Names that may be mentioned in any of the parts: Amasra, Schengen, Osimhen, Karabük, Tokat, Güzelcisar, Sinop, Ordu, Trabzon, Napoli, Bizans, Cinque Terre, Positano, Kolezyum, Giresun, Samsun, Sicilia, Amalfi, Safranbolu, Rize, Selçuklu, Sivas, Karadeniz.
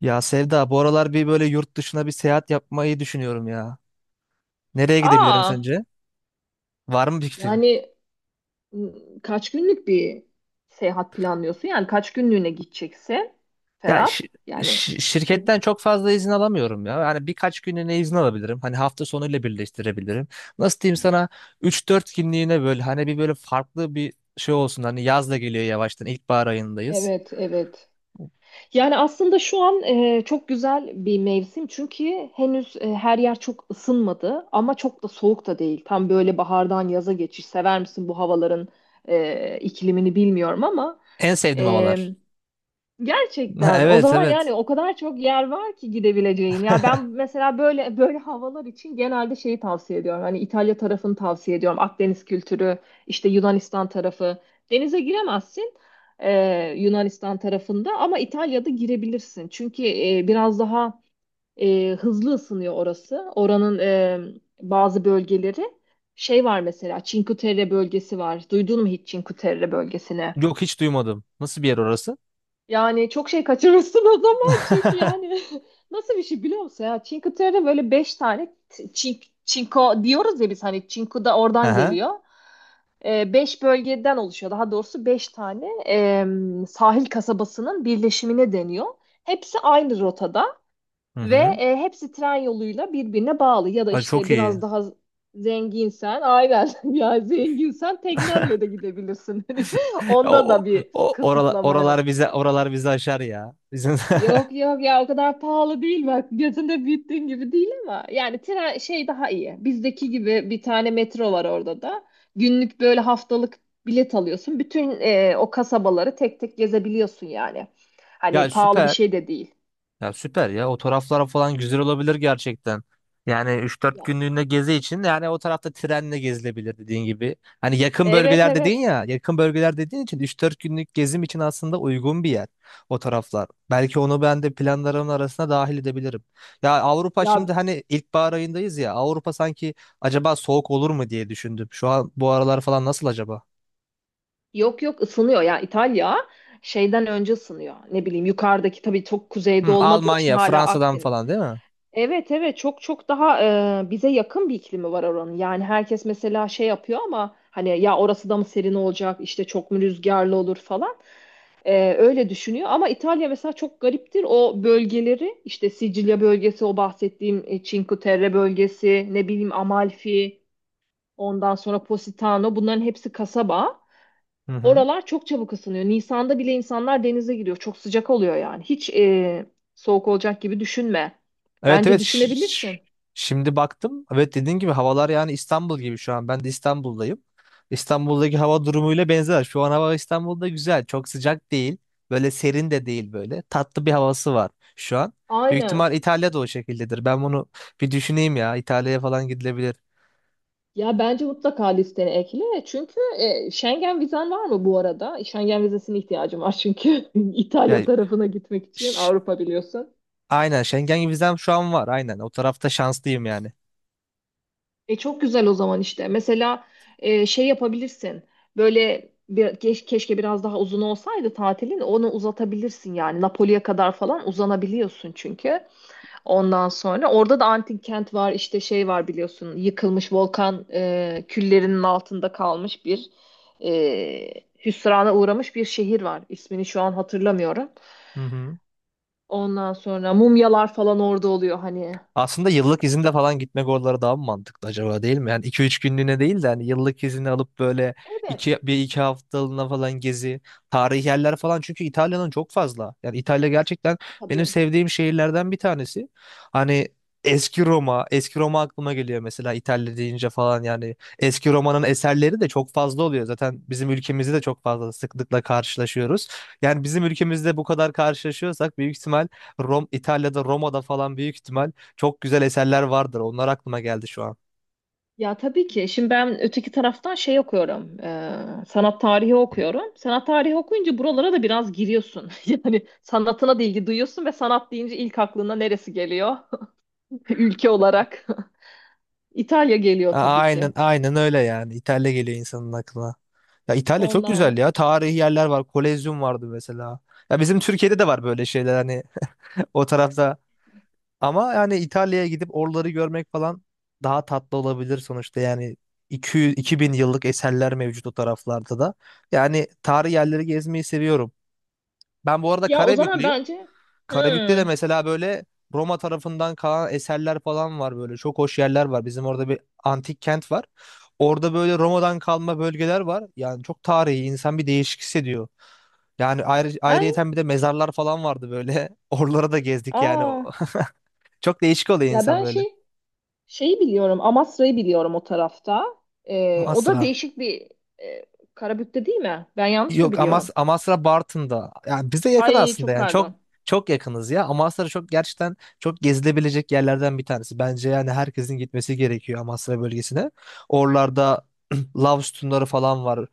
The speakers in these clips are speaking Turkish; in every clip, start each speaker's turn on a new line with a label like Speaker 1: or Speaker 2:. Speaker 1: Ya Sevda, bu aralar bir böyle yurt dışına bir seyahat yapmayı düşünüyorum ya. Nereye gidebilirim
Speaker 2: Aa,
Speaker 1: sence? Var mı bir fikrin?
Speaker 2: Yani m, kaç günlük bir seyahat planlıyorsun? Yani kaç günlüğüne gideceksin
Speaker 1: Ya
Speaker 2: Ferhat? Bu-
Speaker 1: şirketten çok fazla izin alamıyorum ya. Hani birkaç günlüğüne izin alabilirim. Hani hafta sonuyla birleştirebilirim. Nasıl diyeyim sana üç dört günlüğüne böyle hani bir böyle farklı bir şey olsun. Hani yaz da geliyor yavaştan. İlkbahar ayındayız.
Speaker 2: evet, evet. Yani aslında şu an çok güzel bir mevsim çünkü henüz her yer çok ısınmadı ama çok da soğuk da değil. Tam böyle bahardan yaza geçiş. Sever misin bu havaların iklimini bilmiyorum ama
Speaker 1: En sevdiğim
Speaker 2: e,
Speaker 1: havalar.
Speaker 2: gerçekten. O
Speaker 1: Evet
Speaker 2: zaman
Speaker 1: evet.
Speaker 2: yani o kadar çok yer var ki gidebileceğin. Ya ben mesela böyle havalar için genelde şeyi tavsiye ediyorum. Hani İtalya tarafını tavsiye ediyorum. Akdeniz kültürü, işte Yunanistan tarafı. Denize giremezsin, e, Yunanistan tarafında ama İtalya'da girebilirsin. Çünkü biraz daha hızlı ısınıyor orası. Oranın bazı bölgeleri. Şey var mesela Cinque Terre bölgesi var. Duydun mu hiç Cinque Terre bölgesini?
Speaker 1: Yok hiç duymadım. Nasıl bir yer orası?
Speaker 2: Yani çok şey kaçırırsın o zaman çünkü yani nasıl bir şey biliyor musun ya? Cinque Terre'de böyle beş tane çinko diyoruz ya biz, hani çinko da
Speaker 1: Hı
Speaker 2: oradan
Speaker 1: hı.
Speaker 2: geliyor. Beş bölgeden oluşuyor. Daha doğrusu beş tane sahil kasabasının birleşimine deniyor. Hepsi aynı rotada
Speaker 1: Hı
Speaker 2: ve
Speaker 1: hı.
Speaker 2: hepsi tren yoluyla birbirine bağlı. Ya da
Speaker 1: Ay,
Speaker 2: işte
Speaker 1: çok iyi.
Speaker 2: biraz daha zenginsen, aynen ya zenginsen teknenle de gidebilirsin. Hani onda
Speaker 1: O,
Speaker 2: da bir
Speaker 1: oralar,
Speaker 2: kısıtlama yok.
Speaker 1: oralar bize oralar bizi aşar ya. Bizim
Speaker 2: Yok yok, ya o kadar pahalı değil bak, gözünde büyüttüğün gibi değil ama yani tren şey daha iyi, bizdeki gibi bir tane metro var orada da, günlük böyle haftalık bilet alıyorsun, bütün o kasabaları tek tek gezebiliyorsun yani,
Speaker 1: ya
Speaker 2: hani pahalı bir
Speaker 1: süper.
Speaker 2: şey de değil.
Speaker 1: Ya süper ya. O taraflar falan güzel olabilir gerçekten. Yani 3-4
Speaker 2: Ya,
Speaker 1: günlüğüne gezi için yani o tarafta trenle gezilebilir dediğin gibi. Hani yakın
Speaker 2: evet
Speaker 1: bölgeler dedin
Speaker 2: evet
Speaker 1: ya, yakın bölgeler dediğin için üç dört günlük gezim için aslında uygun bir yer o taraflar. Belki onu ben de planlarımın arasına dahil edebilirim. Ya Avrupa
Speaker 2: ya,
Speaker 1: şimdi hani ilkbahar ayındayız ya. Avrupa sanki acaba soğuk olur mu diye düşündüm. Şu an bu aralar falan nasıl acaba?
Speaker 2: yok yok, ısınıyor ya İtalya, şeyden önce ısınıyor, ne bileyim yukarıdaki tabii çok kuzeyde
Speaker 1: Hı,
Speaker 2: olmadığı için
Speaker 1: Almanya,
Speaker 2: hala
Speaker 1: Fransa'dan
Speaker 2: Akdeniz.
Speaker 1: falan değil mi?
Speaker 2: Evet evet, çok çok daha bize yakın bir iklimi var oranın. Yani herkes mesela şey yapıyor ama hani ya orası da mı serin olacak işte, çok mu rüzgarlı olur falan. E, öyle düşünüyor ama İtalya mesela çok gariptir. O bölgeleri işte Sicilya bölgesi, o bahsettiğim Cinque Terre bölgesi, ne bileyim Amalfi, ondan sonra Positano, bunların hepsi kasaba.
Speaker 1: Hı hı.
Speaker 2: Oralar çok çabuk ısınıyor. Nisan'da bile insanlar denize giriyor. Çok sıcak oluyor yani. Hiç soğuk olacak gibi düşünme.
Speaker 1: Evet
Speaker 2: Bence
Speaker 1: evet
Speaker 2: düşünebilirsin.
Speaker 1: şimdi baktım. Evet dediğin gibi havalar yani İstanbul gibi şu an. Ben de İstanbul'dayım. İstanbul'daki hava durumuyla benzer. Şu an hava İstanbul'da güzel. Çok sıcak değil. Böyle serin de değil böyle. Tatlı bir havası var şu an. Büyük
Speaker 2: Aynen.
Speaker 1: ihtimal İtalya'da o şekildedir. Ben bunu bir düşüneyim ya. İtalya'ya falan gidilebilir.
Speaker 2: Ya bence mutlaka listene ekle. Çünkü Schengen vizen var mı bu arada? Schengen vizesine ihtiyacım var çünkü
Speaker 1: Ya
Speaker 2: İtalya tarafına gitmek için,
Speaker 1: ş-
Speaker 2: Avrupa biliyorsun.
Speaker 1: aynen Schengen vizem şu an var. Aynen o tarafta şanslıyım yani.
Speaker 2: E çok güzel o zaman işte. Mesela şey yapabilirsin. Böyle bir, keşke biraz daha uzun olsaydı tatilin. Onu uzatabilirsin yani. Napoli'ye kadar falan uzanabiliyorsun çünkü. Ondan sonra orada da antik kent var, işte şey var biliyorsun, yıkılmış volkan küllerinin altında kalmış bir e, hüsrana uğramış bir şehir var. İsmini şu an hatırlamıyorum.
Speaker 1: Hı hı.
Speaker 2: Ondan sonra mumyalar falan orada oluyor hani.
Speaker 1: Aslında yıllık izinde falan gitmek oralara daha mı mantıklı acaba değil mi? Yani iki üç günlüğüne değil de hani yıllık izini alıp böyle
Speaker 2: Evet.
Speaker 1: bir iki haftalığına falan gezi, tarihi yerler falan. Çünkü İtalya'nın çok fazla. Yani İtalya gerçekten benim
Speaker 2: Tabii.
Speaker 1: sevdiğim şehirlerden bir tanesi. Hani eski Roma, aklıma geliyor mesela İtalya deyince falan yani. Eski Roma'nın eserleri de çok fazla oluyor. Zaten bizim ülkemizde de çok fazla sıklıkla karşılaşıyoruz. Yani bizim ülkemizde bu kadar karşılaşıyorsak büyük ihtimal İtalya'da, Roma'da falan büyük ihtimal çok güzel eserler vardır. Onlar aklıma geldi şu an.
Speaker 2: Ya tabii ki. Şimdi ben öteki taraftan şey okuyorum. Sanat tarihi okuyorum. Sanat tarihi okuyunca buralara da biraz giriyorsun. Yani sanatına da ilgi duyuyorsun ve sanat deyince ilk aklına neresi geliyor? Ülke olarak. İtalya geliyor tabii ki.
Speaker 1: Aynen aynen öyle yani. İtalya geliyor insanın aklına. Ya İtalya çok
Speaker 2: Ondan.
Speaker 1: güzel
Speaker 2: s-
Speaker 1: ya. Tarihi yerler var. Kolezyum vardı mesela. Ya bizim Türkiye'de de var böyle şeyler hani o tarafta. Ama yani İtalya'ya gidip oraları görmek falan daha tatlı olabilir sonuçta. Yani 200, bin yıllık eserler mevcut o taraflarda da. Yani tarihi yerleri gezmeyi seviyorum. Ben bu arada
Speaker 2: Ya o zaman
Speaker 1: Karabüklüyüm.
Speaker 2: bence,
Speaker 1: Karabük'te de
Speaker 2: hmm,
Speaker 1: mesela böyle Roma tarafından kalan eserler falan var böyle. Çok hoş yerler var. Bizim orada bir antik kent var. Orada böyle Roma'dan kalma bölgeler var. Yani çok tarihi insan bir değişik hissediyor. Yani
Speaker 2: ben
Speaker 1: ayrıyeten bir de mezarlar falan vardı böyle. Oralara da gezdik yani.
Speaker 2: aa
Speaker 1: Çok değişik oluyor
Speaker 2: ya
Speaker 1: insan
Speaker 2: ben
Speaker 1: böyle.
Speaker 2: şey, şeyi biliyorum. Amasra'yı biliyorum o tarafta.
Speaker 1: Ama
Speaker 2: O da
Speaker 1: asra.
Speaker 2: değişik bir e, Karabük'te, değil mi? Ben yanlış mı
Speaker 1: Yok
Speaker 2: biliyorum?
Speaker 1: Amasra Bartın'da. Yani bize yakın
Speaker 2: Ay
Speaker 1: aslında
Speaker 2: çok
Speaker 1: yani
Speaker 2: pardon.
Speaker 1: çok yakınız ya. Amasra çok gerçekten çok gezilebilecek yerlerden bir tanesi. Bence yani herkesin gitmesi gerekiyor Amasra bölgesine. Oralarda lav sütunları falan var.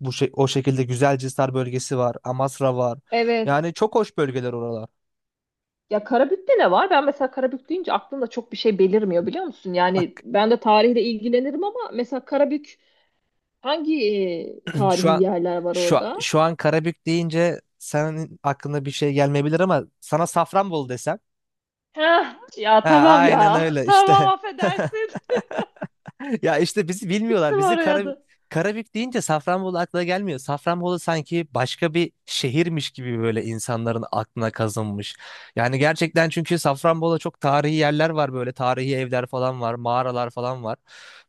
Speaker 1: Bu şey, o şekilde Güzelcisar bölgesi var. Amasra var.
Speaker 2: Evet.
Speaker 1: Yani çok hoş bölgeler oralar.
Speaker 2: Ya Karabük'te ne var? Ben mesela Karabük deyince aklımda çok bir şey belirmiyor biliyor musun? Yani
Speaker 1: Bak
Speaker 2: ben de tarihle ilgilenirim ama mesela Karabük hangi tarihi
Speaker 1: şu an
Speaker 2: yerler var orada?
Speaker 1: şu an Karabük deyince senin aklına bir şey gelmeyebilir ama sana Safranbolu desem.
Speaker 2: Heh, ya
Speaker 1: Ha,
Speaker 2: tamam
Speaker 1: aynen
Speaker 2: ya.
Speaker 1: öyle
Speaker 2: Tamam
Speaker 1: işte.
Speaker 2: affedersin.
Speaker 1: Ya işte bizi bilmiyorlar.
Speaker 2: Oraya da.
Speaker 1: Karabük deyince Safranbolu aklına gelmiyor. Safranbolu sanki başka bir şehirmiş gibi böyle insanların aklına kazınmış. Yani gerçekten çünkü Safranbolu'da çok tarihi yerler var böyle. Tarihi evler falan var, mağaralar falan var.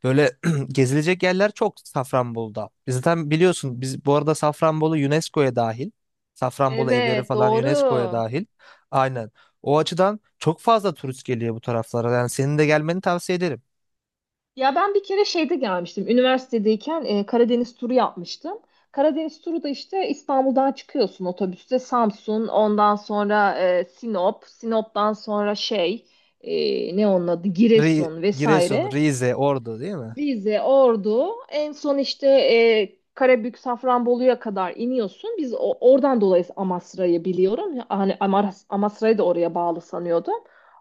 Speaker 1: Böyle gezilecek yerler çok Safranbolu'da. Biz zaten biliyorsun biz bu arada Safranbolu UNESCO'ya dahil. Safranbolu evleri
Speaker 2: Evet,
Speaker 1: falan UNESCO'ya
Speaker 2: doğru.
Speaker 1: dahil. Aynen. O açıdan çok fazla turist geliyor bu taraflara. Yani senin de gelmeni tavsiye ederim.
Speaker 2: Ya ben bir kere şeyde gelmiştim. Üniversitedeyken Karadeniz turu yapmıştım. Karadeniz turu da işte, İstanbul'dan çıkıyorsun otobüste, Samsun, ondan sonra Sinop, Sinop'tan sonra şey ne onun adı, Giresun
Speaker 1: Giresun,
Speaker 2: vesaire.
Speaker 1: Rize, Ordu değil mi?
Speaker 2: Rize, Ordu, en son işte Karabük, Safranbolu'ya kadar iniyorsun. Oradan dolayı Amasra'yı biliyorum. Ya, hani Amasra'yı da oraya bağlı sanıyordum.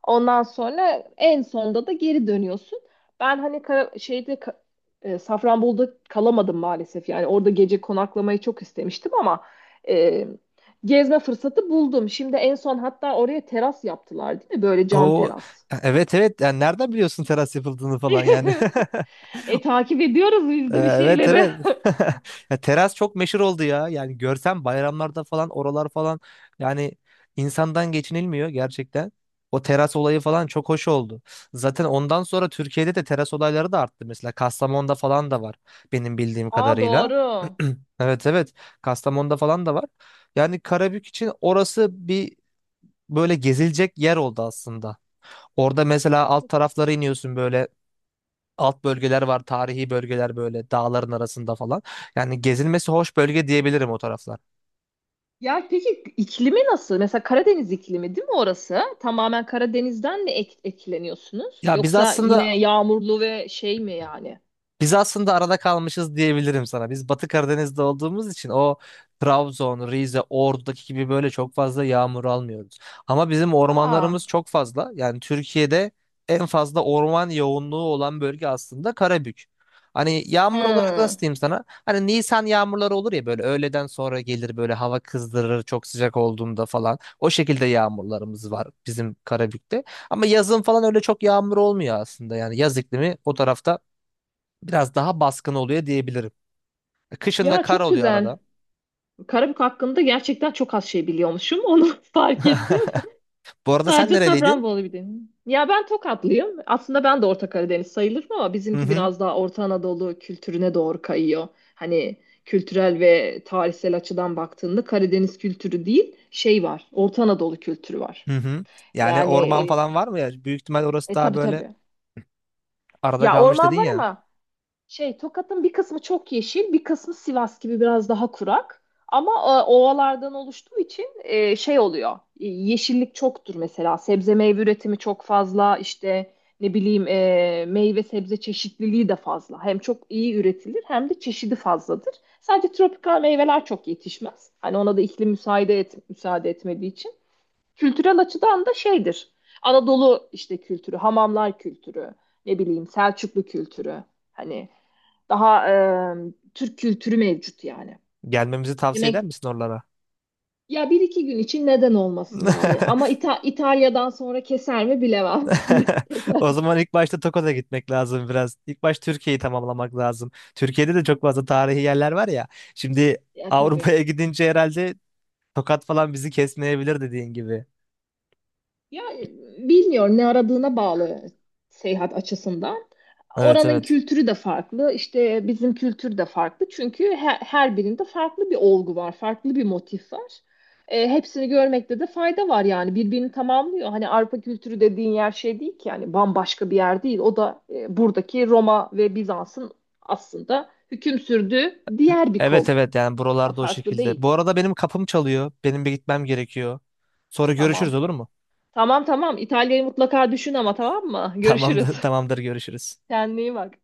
Speaker 2: Ondan sonra en sonda da geri dönüyorsun. Ben hani şeyde Safranbolu'da kalamadım maalesef. Yani orada gece konaklamayı çok istemiştim ama e, gezme fırsatı buldum. Şimdi en son hatta oraya teras yaptılar, değil mi? Böyle cam
Speaker 1: O
Speaker 2: teras.
Speaker 1: evet evet yani nereden biliyorsun teras yapıldığını falan yani.
Speaker 2: E takip ediyoruz biz de bir
Speaker 1: Evet
Speaker 2: şeyleri.
Speaker 1: evet. Ya teras çok meşhur oldu ya. Yani görsem bayramlarda falan oralar falan yani insandan geçinilmiyor gerçekten. O teras olayı falan çok hoş oldu. Zaten ondan sonra Türkiye'de de teras olayları da arttı. Mesela Kastamonu'da falan da var benim bildiğim
Speaker 2: Aa
Speaker 1: kadarıyla.
Speaker 2: doğru.
Speaker 1: Evet evet. Kastamonu'da falan da var. Yani Karabük için orası bir böyle gezilecek yer oldu aslında. Orada mesela alt taraflara iniyorsun böyle alt bölgeler var, tarihi bölgeler böyle dağların arasında falan. Yani gezilmesi hoş bölge diyebilirim o taraflar.
Speaker 2: Ya peki iklimi nasıl? Mesela Karadeniz iklimi değil mi orası? Tamamen Karadeniz'den mi etkileniyorsunuz?
Speaker 1: Ya biz
Speaker 2: Yoksa
Speaker 1: aslında
Speaker 2: yine yağmurlu ve şey mi yani?
Speaker 1: Biz aslında arada kalmışız diyebilirim sana. Biz Batı Karadeniz'de olduğumuz için o Trabzon, Rize, Ordu'daki gibi böyle çok fazla yağmur almıyoruz. Ama bizim
Speaker 2: Aa.
Speaker 1: ormanlarımız çok fazla. Yani Türkiye'de en fazla orman yoğunluğu olan bölge aslında Karabük. Hani yağmur olarak nasıl
Speaker 2: Hı.
Speaker 1: diyeyim sana? Hani Nisan yağmurları olur ya böyle öğleden sonra gelir böyle hava kızdırır çok sıcak olduğunda falan. O şekilde yağmurlarımız var bizim Karabük'te. Ama yazın falan öyle çok yağmur olmuyor aslında. Yani yaz iklimi o tarafta biraz daha baskın oluyor diyebilirim. Kışında
Speaker 2: Ya
Speaker 1: kar
Speaker 2: çok
Speaker 1: oluyor
Speaker 2: güzel.
Speaker 1: arada.
Speaker 2: Karabük hakkında gerçekten çok az şey biliyormuşum. Onu fark ettim.
Speaker 1: Bu arada sen
Speaker 2: Sadece
Speaker 1: nereliydin?
Speaker 2: Safranbolu bir deniz. Ya ben Tokatlıyım. Aslında ben de Orta Karadeniz sayılırım ama
Speaker 1: Hı
Speaker 2: bizimki
Speaker 1: hı.
Speaker 2: biraz daha Orta Anadolu kültürüne doğru kayıyor. Hani kültürel ve tarihsel açıdan baktığında Karadeniz kültürü değil, şey var, Orta Anadolu kültürü var.
Speaker 1: Hı hı. Yani
Speaker 2: Yani
Speaker 1: orman falan var mı ya? Büyük ihtimal orası daha
Speaker 2: tabii
Speaker 1: böyle
Speaker 2: tabii.
Speaker 1: arada
Speaker 2: Ya
Speaker 1: kalmış dedin
Speaker 2: orman var
Speaker 1: ya.
Speaker 2: ama, şey, Tokat'ın bir kısmı çok yeşil, bir kısmı Sivas gibi biraz daha kurak. Ama ovalardan oluştuğu için şey oluyor. E, yeşillik çoktur mesela. Sebze meyve üretimi çok fazla. İşte ne bileyim, meyve sebze çeşitliliği de fazla. Hem çok iyi üretilir hem de çeşidi fazladır. Sadece tropikal meyveler çok yetişmez. Hani ona da iklim müsaade etmediği için. Kültürel açıdan da şeydir. Anadolu işte kültürü, hamamlar kültürü, ne bileyim Selçuklu kültürü. Hani daha Türk kültürü mevcut yani.
Speaker 1: Gelmemizi tavsiye eder
Speaker 2: Yemek,
Speaker 1: misin oralara?
Speaker 2: ya bir iki gün için neden olmasın yani. Ama İtalya'dan sonra keser mi bilemem.
Speaker 1: O zaman ilk başta Tokat'a gitmek lazım biraz. İlk baş Türkiye'yi tamamlamak lazım. Türkiye'de de çok fazla tarihi yerler var ya. Şimdi
Speaker 2: Ya tabii.
Speaker 1: Avrupa'ya gidince herhalde Tokat falan bizi kesmeyebilir dediğin gibi.
Speaker 2: Ya bilmiyorum, ne aradığına bağlı seyahat açısından.
Speaker 1: Evet
Speaker 2: Oranın
Speaker 1: evet.
Speaker 2: kültürü de farklı, işte bizim kültür de farklı. Çünkü her birinde farklı bir olgu var, farklı bir motif var. E, hepsini görmekte de fayda var yani, birbirini tamamlıyor. Hani Avrupa kültürü dediğin yer şey değil ki yani, bambaşka bir yer değil. O da buradaki Roma ve Bizans'ın aslında hüküm sürdüğü diğer bir
Speaker 1: Evet
Speaker 2: kol.
Speaker 1: evet yani
Speaker 2: Ha,
Speaker 1: buralarda o
Speaker 2: farklı değil.
Speaker 1: şekilde. Bu arada benim kapım çalıyor. Benim bir gitmem gerekiyor. Sonra görüşürüz
Speaker 2: Tamam.
Speaker 1: olur mu?
Speaker 2: Tamam tamam. İtalya'yı mutlaka düşün ama, tamam mı? Görüşürüz.
Speaker 1: Tamamdır, tamamdır görüşürüz.
Speaker 2: Kendine iyi bak.